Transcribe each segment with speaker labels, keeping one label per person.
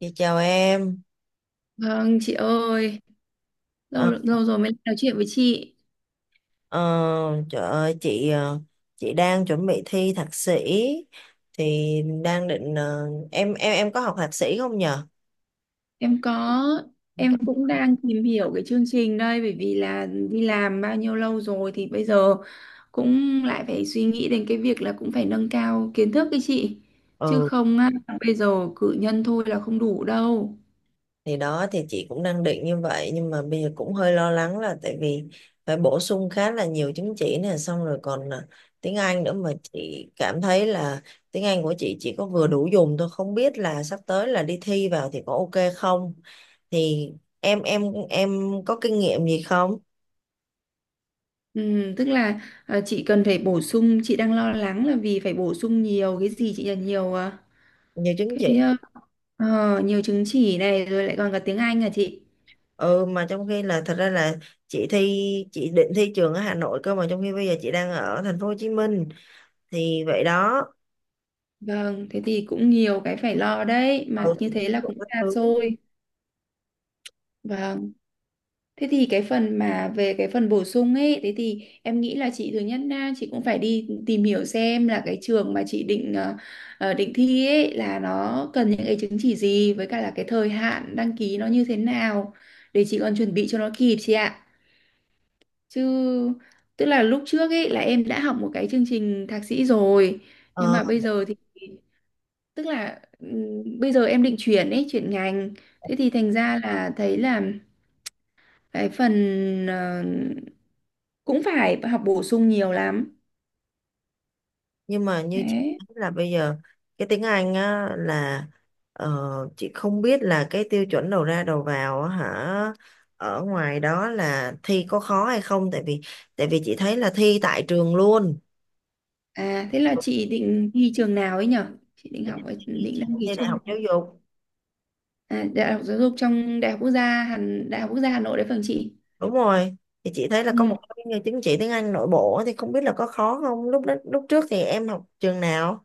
Speaker 1: Dạ chào em.
Speaker 2: Vâng chị ơi, lâu
Speaker 1: Ờ,
Speaker 2: lâu rồi mới nói chuyện với chị.
Speaker 1: ờ, trời ơi chị chị đang chuẩn bị thi thạc sĩ thì đang định em có học thạc sĩ không nhờ?
Speaker 2: Em có. Em cũng đang tìm hiểu cái chương trình đây bởi vì là đi làm bao nhiêu lâu rồi thì bây giờ cũng lại phải suy nghĩ đến cái việc là cũng phải nâng cao kiến thức ấy chị. Chứ
Speaker 1: Ừ,
Speaker 2: không á, bây giờ cử nhân thôi là không đủ đâu.
Speaker 1: thì đó thì chị cũng đang định như vậy nhưng mà bây giờ cũng hơi lo lắng là tại vì phải bổ sung khá là nhiều chứng chỉ nè, xong rồi còn tiếng Anh nữa, mà chị cảm thấy là tiếng Anh của chị chỉ có vừa đủ dùng thôi, không biết là sắp tới là đi thi vào thì có ok không? Thì em em em có kinh nghiệm gì không?
Speaker 2: Ừ, tức là, à, chị cần phải bổ sung, chị đang lo lắng là vì phải bổ sung nhiều cái gì chị là nhiều, à,
Speaker 1: Nhiều chứng chỉ.
Speaker 2: cái, nhiều chứng chỉ này rồi lại còn cả tiếng Anh à chị.
Speaker 1: Ừ, mà trong khi là thật ra là chị thi chị định thi trường ở Hà Nội, cơ mà trong khi bây giờ chị đang ở thành phố Hồ Chí Minh thì vậy đó.
Speaker 2: Vâng, thế thì cũng nhiều cái phải lo đấy, mà
Speaker 1: Ừ, thì
Speaker 2: như thế là
Speaker 1: cũng
Speaker 2: cũng
Speaker 1: có
Speaker 2: xa
Speaker 1: thứ.
Speaker 2: xôi. Vâng, thế thì cái phần mà về cái phần bổ sung ấy, thế thì em nghĩ là chị thứ nhất là chị cũng phải đi tìm hiểu xem là cái trường mà chị định thi ấy là nó cần những cái chứng chỉ gì với cả là cái thời hạn đăng ký nó như thế nào để chị còn chuẩn bị cho nó kịp chị ạ. Chứ tức là lúc trước ấy là em đã học một cái chương trình thạc sĩ rồi, nhưng
Speaker 1: ờ,
Speaker 2: mà bây giờ thì tức là, bây giờ em định chuyển ngành, thế thì thành ra là thấy là cái phần, ờ, cũng phải học bổ sung nhiều lắm
Speaker 1: nhưng mà như chị
Speaker 2: đấy.
Speaker 1: nói là bây giờ cái tiếng Anh á là, ờ, chị không biết là cái tiêu chuẩn đầu ra đầu vào á hả, ở ngoài đó là thi có khó hay không, tại vì chị thấy là thi tại trường luôn.
Speaker 2: À, thế là chị định thi trường nào ấy nhở? Chị định
Speaker 1: Chị
Speaker 2: học ở-
Speaker 1: chị
Speaker 2: Định đăng ký
Speaker 1: thi đại
Speaker 2: trường
Speaker 1: học
Speaker 2: nào?
Speaker 1: giáo dục.
Speaker 2: À, Đại học Giáo dục trong Đại học Quốc gia Hà Nội đấy phần chị.
Speaker 1: Đúng rồi, thì chị thấy là có
Speaker 2: Ừ.
Speaker 1: một cái chứng chỉ tiếng Anh nội bộ á, thì không biết là có khó không, lúc đó lúc trước thì em học trường nào.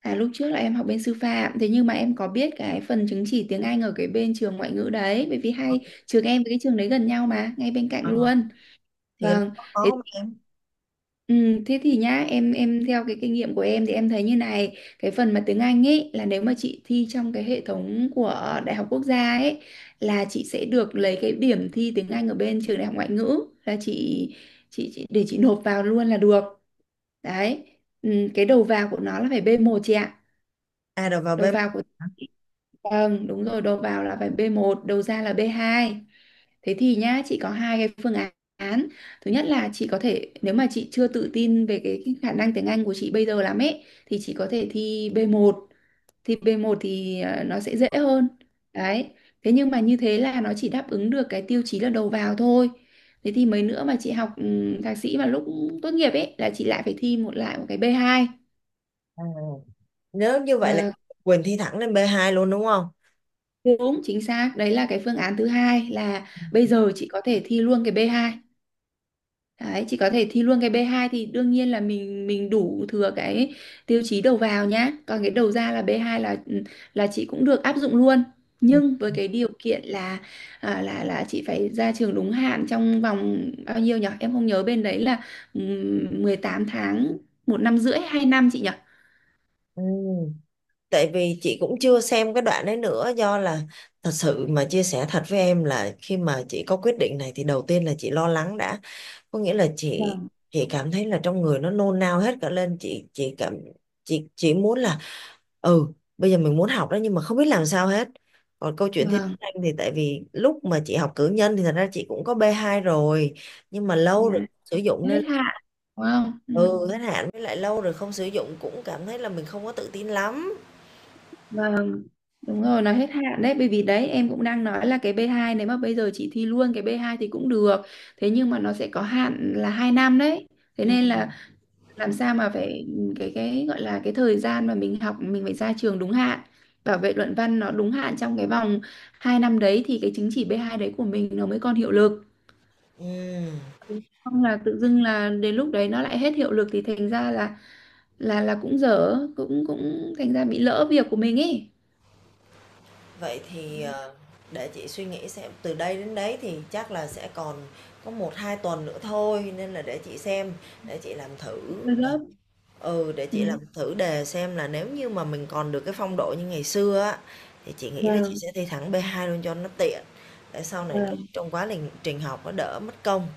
Speaker 2: À, lúc trước là em học bên sư phạm, thế nhưng mà em có biết cái phần chứng chỉ tiếng Anh ở cái bên trường ngoại ngữ đấy, bởi vì hai trường em với cái trường đấy gần nhau, mà ngay bên cạnh
Speaker 1: Ờ,
Speaker 2: luôn.
Speaker 1: thì nó
Speaker 2: Vâng.
Speaker 1: có khó
Speaker 2: Thế.
Speaker 1: không em?
Speaker 2: Ừ, thế thì nhá, em theo cái kinh nghiệm của em thì em thấy như này, cái phần mà tiếng Anh ấy là nếu mà chị thi trong cái hệ thống của Đại học Quốc gia ấy là chị sẽ được lấy cái điểm thi tiếng Anh ở bên trường Đại học Ngoại ngữ là chị để chị nộp vào luôn là được đấy. Ừ, cái đầu vào của nó là phải b một chị ạ.
Speaker 1: À, rồi vào B.
Speaker 2: Đầu vào của Vâng, đúng rồi, đầu vào là phải B1, đầu ra là B2. Thế thì nhá, chị có hai cái phương án. Thứ nhất là chị có thể, nếu mà chị chưa tự tin về cái khả năng tiếng Anh của chị bây giờ lắm ấy, thì chị có thể thi B1. Thi B1 thì, nó sẽ dễ hơn đấy. Thế nhưng mà như thế là nó chỉ đáp ứng được cái tiêu chí là đầu vào thôi. Thế thì mấy nữa mà chị học, thạc sĩ mà lúc tốt nghiệp ấy là chị lại phải thi, một lại một cái B2.
Speaker 1: À, nếu như vậy là
Speaker 2: Và.
Speaker 1: Quỳnh thi thẳng lên B2 luôn đúng không?
Speaker 2: Đúng, chính xác. Đấy là cái phương án thứ hai là bây giờ chị có thể thi luôn cái B2. Đấy, chị có thể thi luôn cái B2 thì đương nhiên là mình đủ thừa cái tiêu chí đầu vào nhá. Còn cái đầu ra là B2 là, chị cũng được áp dụng luôn.
Speaker 1: Ừ.
Speaker 2: Nhưng với cái điều kiện là, là chị phải ra trường đúng hạn trong vòng bao nhiêu nhỉ? Em không nhớ bên đấy là, 18 tháng, một năm rưỡi, 2 năm chị nhỉ?
Speaker 1: Ừ. Tại vì chị cũng chưa xem cái đoạn đấy nữa, do là thật sự mà chia sẻ thật với em là khi mà chị có quyết định này thì đầu tiên là chị lo lắng đã, có nghĩa là chị
Speaker 2: Vâng.
Speaker 1: chị cảm thấy là trong người nó nôn nao hết cả lên, chị cảm chị muốn là, ừ, bây giờ mình muốn học đó nhưng mà không biết làm sao hết. Còn câu chuyện thiên
Speaker 2: Vâng.
Speaker 1: anh thì tại vì lúc mà chị học cử nhân thì thật ra chị cũng có b hai rồi, nhưng mà
Speaker 2: À,
Speaker 1: lâu rồi không sử dụng
Speaker 2: hết
Speaker 1: nên,
Speaker 2: hạn. Đúng không? Ừ.
Speaker 1: ừ, hết hạn, với lại lâu rồi không sử dụng cũng cảm thấy là mình không có tự tin lắm.
Speaker 2: Vâng, đúng rồi, nó hết hạn đấy, bởi vì đấy em cũng đang nói là cái B2, nếu mà bây giờ chị thi luôn cái B2 thì cũng được. Thế nhưng mà nó sẽ có hạn là 2 năm đấy. Thế nên là
Speaker 1: Ừ.
Speaker 2: làm sao mà phải, cái gọi là cái thời gian mà mình học mình phải ra trường đúng hạn. Bảo vệ luận văn nó đúng hạn trong cái vòng 2 năm đấy thì cái chứng chỉ B2 đấy của mình nó mới còn hiệu lực.
Speaker 1: Ừ.
Speaker 2: Không là tự dưng là đến lúc đấy nó lại hết hiệu lực thì thành ra là, cũng dở, cũng cũng thành ra bị lỡ việc của mình ấy.
Speaker 1: Vậy thì, để chị suy nghĩ xem, từ đây đến đấy thì chắc là sẽ còn có một hai tuần nữa thôi, nên là để chị xem, để chị làm thử
Speaker 2: Hơi gấp.
Speaker 1: ừ, để
Speaker 2: Ừ.
Speaker 1: chị làm thử đề xem là nếu như mà mình còn được cái phong độ như ngày xưa á, thì chị nghĩ là chị
Speaker 2: Vâng,
Speaker 1: sẽ thi thẳng B2 luôn cho nó tiện, để sau này lúc
Speaker 2: vâng,
Speaker 1: trong quá lình trình học nó đỡ mất công.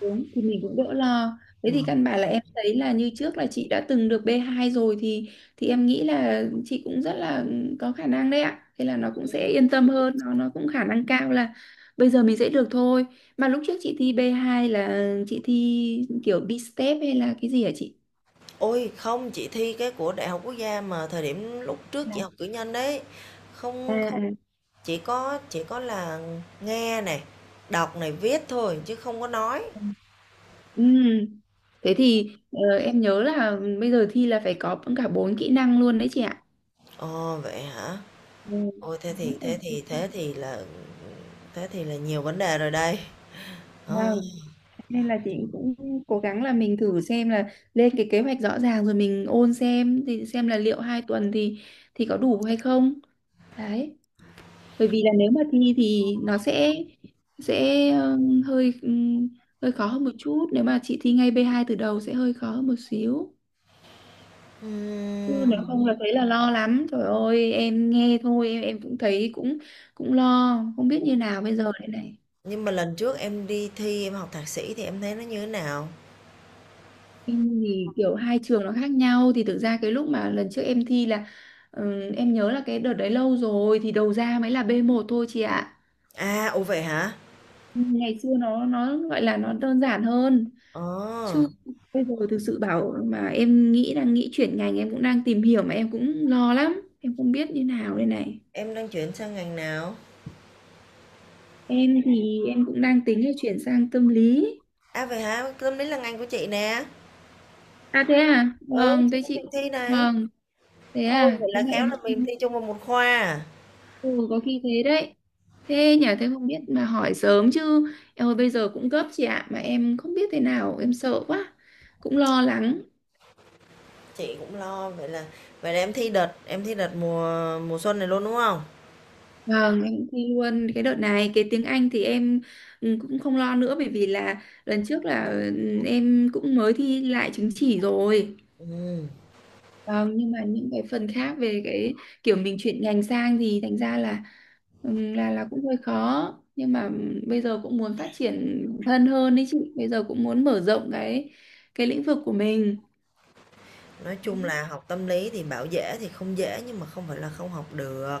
Speaker 2: đúng thì mình cũng đỡ lo. Thế thì
Speaker 1: Ừm.
Speaker 2: căn bản là em thấy là như trước là chị đã từng được B2 rồi thì em nghĩ là chị cũng rất là có khả năng đấy ạ. Thế là nó cũng sẽ yên tâm hơn, nó cũng khả năng cao là bây giờ mình sẽ được thôi. Mà lúc trước chị thi B2 là chị thi kiểu B-step hay là cái gì hả chị?
Speaker 1: Ôi, không, chị thi cái của Đại học Quốc gia mà thời điểm lúc trước
Speaker 2: À,
Speaker 1: chị học cử nhân đấy,
Speaker 2: à,
Speaker 1: không không.
Speaker 2: à.
Speaker 1: Chỉ có là nghe này, đọc này, viết thôi chứ không có nói.
Speaker 2: À. Ừm. Thế thì, em nhớ là bây giờ thi là phải có cả bốn kỹ năng luôn đấy chị ạ.
Speaker 1: Ồ, vậy hả?
Speaker 2: Ừ.
Speaker 1: Ôi, thế
Speaker 2: Đấy,
Speaker 1: thì thế thì thế thì là nhiều vấn đề rồi đây. Ờ,
Speaker 2: wow, nên là chị cũng cố gắng là mình thử xem là lên cái kế hoạch rõ ràng rồi mình ôn xem thì xem là liệu 2 tuần thì có đủ hay không đấy, bởi vì là nếu mà thi thì nó sẽ ờ, hơi hơi khó hơn một chút, nếu mà chị thi ngay B2 từ đầu sẽ hơi khó hơn một xíu. Chứ nếu
Speaker 1: ừm,
Speaker 2: không là thấy là lo lắm, trời ơi em nghe thôi em cũng thấy cũng cũng lo không biết như nào bây giờ đây này.
Speaker 1: nhưng mà lần trước em đi thi em học thạc sĩ thì em thấy nó như thế nào?
Speaker 2: Em thì kiểu hai trường nó khác nhau thì thực ra cái lúc mà lần trước em thi là, em nhớ là cái đợt đấy lâu rồi thì đầu ra mới là B1 thôi chị ạ.
Speaker 1: À, ồ vậy hả?
Speaker 2: Ngày xưa nó gọi là nó đơn giản hơn.
Speaker 1: Ờ,
Speaker 2: Chứ bây giờ thực sự bảo mà em nghĩ đang nghĩ chuyển ngành, em cũng đang tìm hiểu mà em cũng lo lắm em không biết như nào đây này.
Speaker 1: em đang chuyển sang ngành nào?
Speaker 2: Em thì em cũng đang tính là chuyển sang tâm lý.
Speaker 1: À vậy hả? Tâm lý là ngành của chị nè.
Speaker 2: À, thế à.
Speaker 1: Ừ,
Speaker 2: Vâng,
Speaker 1: chị
Speaker 2: thế
Speaker 1: cũng định
Speaker 2: chị.
Speaker 1: thi này.
Speaker 2: Vâng, thế
Speaker 1: Ôi,
Speaker 2: à,
Speaker 1: vậy
Speaker 2: thế
Speaker 1: là
Speaker 2: mà
Speaker 1: khéo
Speaker 2: em
Speaker 1: là mình
Speaker 2: em
Speaker 1: thi chung vào một khoa à?
Speaker 2: Ừ, có khi thế đấy. Thế nhà, thế không biết mà hỏi sớm chứ. Em ơi bây giờ cũng gấp chị ạ, mà em không biết thế nào, em sợ quá. Cũng lo lắng.
Speaker 1: Chị cũng lo, vậy là em thi đợt mùa mùa xuân này luôn, đúng không?
Speaker 2: Vâng, em cũng thi luôn cái đợt này. Cái tiếng Anh thì em, cũng không lo nữa, bởi vì là lần trước là, em cũng mới thi lại chứng chỉ rồi.
Speaker 1: Ừm,
Speaker 2: Vâng, nhưng mà những cái phần khác về cái kiểu mình chuyển ngành sang thì thành ra là, cũng hơi khó, nhưng mà bây giờ cũng muốn phát triển bản thân hơn đấy chị, bây giờ cũng muốn mở rộng cái lĩnh vực của mình.
Speaker 1: nói chung
Speaker 2: Đúng.
Speaker 1: là học tâm lý thì bảo dễ thì không dễ nhưng mà không phải là không học được,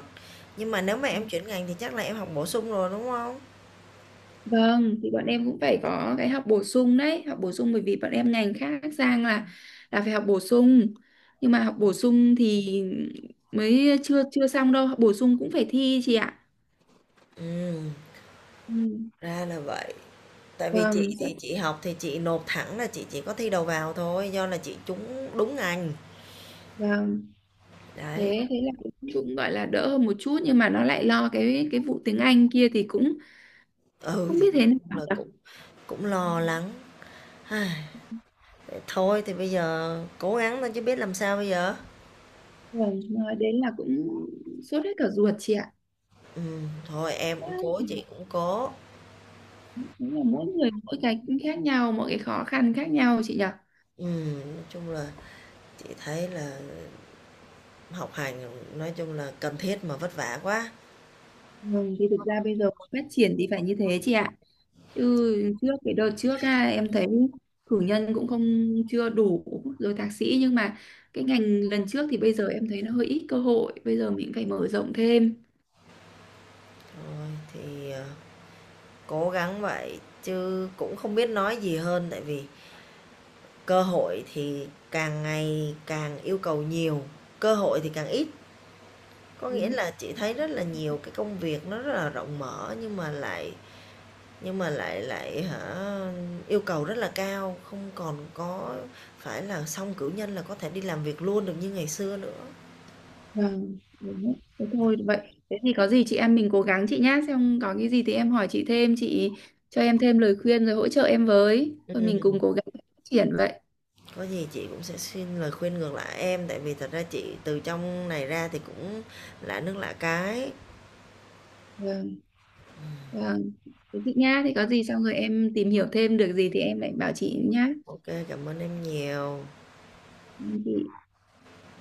Speaker 1: nhưng mà nếu mà em chuyển ngành thì chắc là em học bổ sung rồi, đúng không?
Speaker 2: Vâng, thì bọn em cũng phải có cái học bổ sung đấy, học bổ sung, bởi vì bọn em ngành khác sang là phải học bổ sung. Nhưng mà học bổ sung thì mới chưa chưa xong đâu, học bổ sung cũng phải thi chị ạ.
Speaker 1: Ừm,
Speaker 2: Ừ.
Speaker 1: ra là vậy. Tại vì
Speaker 2: Vâng,
Speaker 1: chị
Speaker 2: rất.
Speaker 1: thì chị học thì chị nộp thẳng, là chị chỉ có thi đầu vào thôi, do là chị trúng đúng ngành,
Speaker 2: Vâng,
Speaker 1: đấy.
Speaker 2: thế thế là cũng cũng gọi là đỡ hơn một chút, nhưng mà nó lại lo cái vụ tiếng Anh kia thì cũng
Speaker 1: Ừ,
Speaker 2: không biết
Speaker 1: thì
Speaker 2: thế
Speaker 1: nói chung
Speaker 2: nào
Speaker 1: là
Speaker 2: nhỉ?
Speaker 1: cũng cũng lo lắng. Ai, thôi thì bây giờ cố gắng thôi chứ biết làm sao bây giờ.
Speaker 2: Rồi, nói đến là cũng sốt hết cả ruột chị ạ.
Speaker 1: Thôi em
Speaker 2: Quá
Speaker 1: cũng cố,
Speaker 2: là-
Speaker 1: chị cũng cố.
Speaker 2: Đúng là mỗi người mỗi cái khác nhau, mỗi cái khó khăn khác nhau chị nhỉ?
Speaker 1: Nói chung là chị thấy là học hành, nói chung là cần thiết mà vất vả quá.
Speaker 2: Vâng, thì thực ra bây giờ muốn phát triển thì phải như thế chị ạ. Chứ trước cái đợt trước á, em thấy cử nhân cũng không, chưa đủ, rồi thạc sĩ nhưng mà cái ngành lần trước thì bây giờ em thấy nó hơi ít cơ hội, bây giờ mình phải mở rộng thêm.
Speaker 1: Thôi thì, cố gắng vậy chứ cũng không biết nói gì hơn, tại vì cơ hội thì càng ngày càng yêu cầu nhiều, cơ hội thì càng ít. Có nghĩa là chị thấy rất là nhiều cái công việc nó rất là rộng mở nhưng mà lại lại hả yêu cầu rất là cao, không còn có phải là xong cử nhân là có thể đi làm việc luôn được như ngày xưa nữa.
Speaker 2: Vâng, đúng đấy. Thế thôi vậy. Thế thì có gì chị em mình cố gắng chị nhá, xem có cái gì thì em hỏi chị thêm, chị cho em thêm lời khuyên rồi hỗ trợ em với. Thôi mình cùng
Speaker 1: Ừm,
Speaker 2: cố gắng phát triển vậy.
Speaker 1: có gì chị cũng sẽ xin lời khuyên ngược lại em, tại vì thật ra chị từ trong này ra thì cũng lạ nước lạ cái.
Speaker 2: Vâng, vâng. Thế chị nhá, thì có gì xong rồi em tìm hiểu thêm được gì thì em lại bảo chị nhá.
Speaker 1: Ok, cảm ơn em nhiều.
Speaker 2: Chị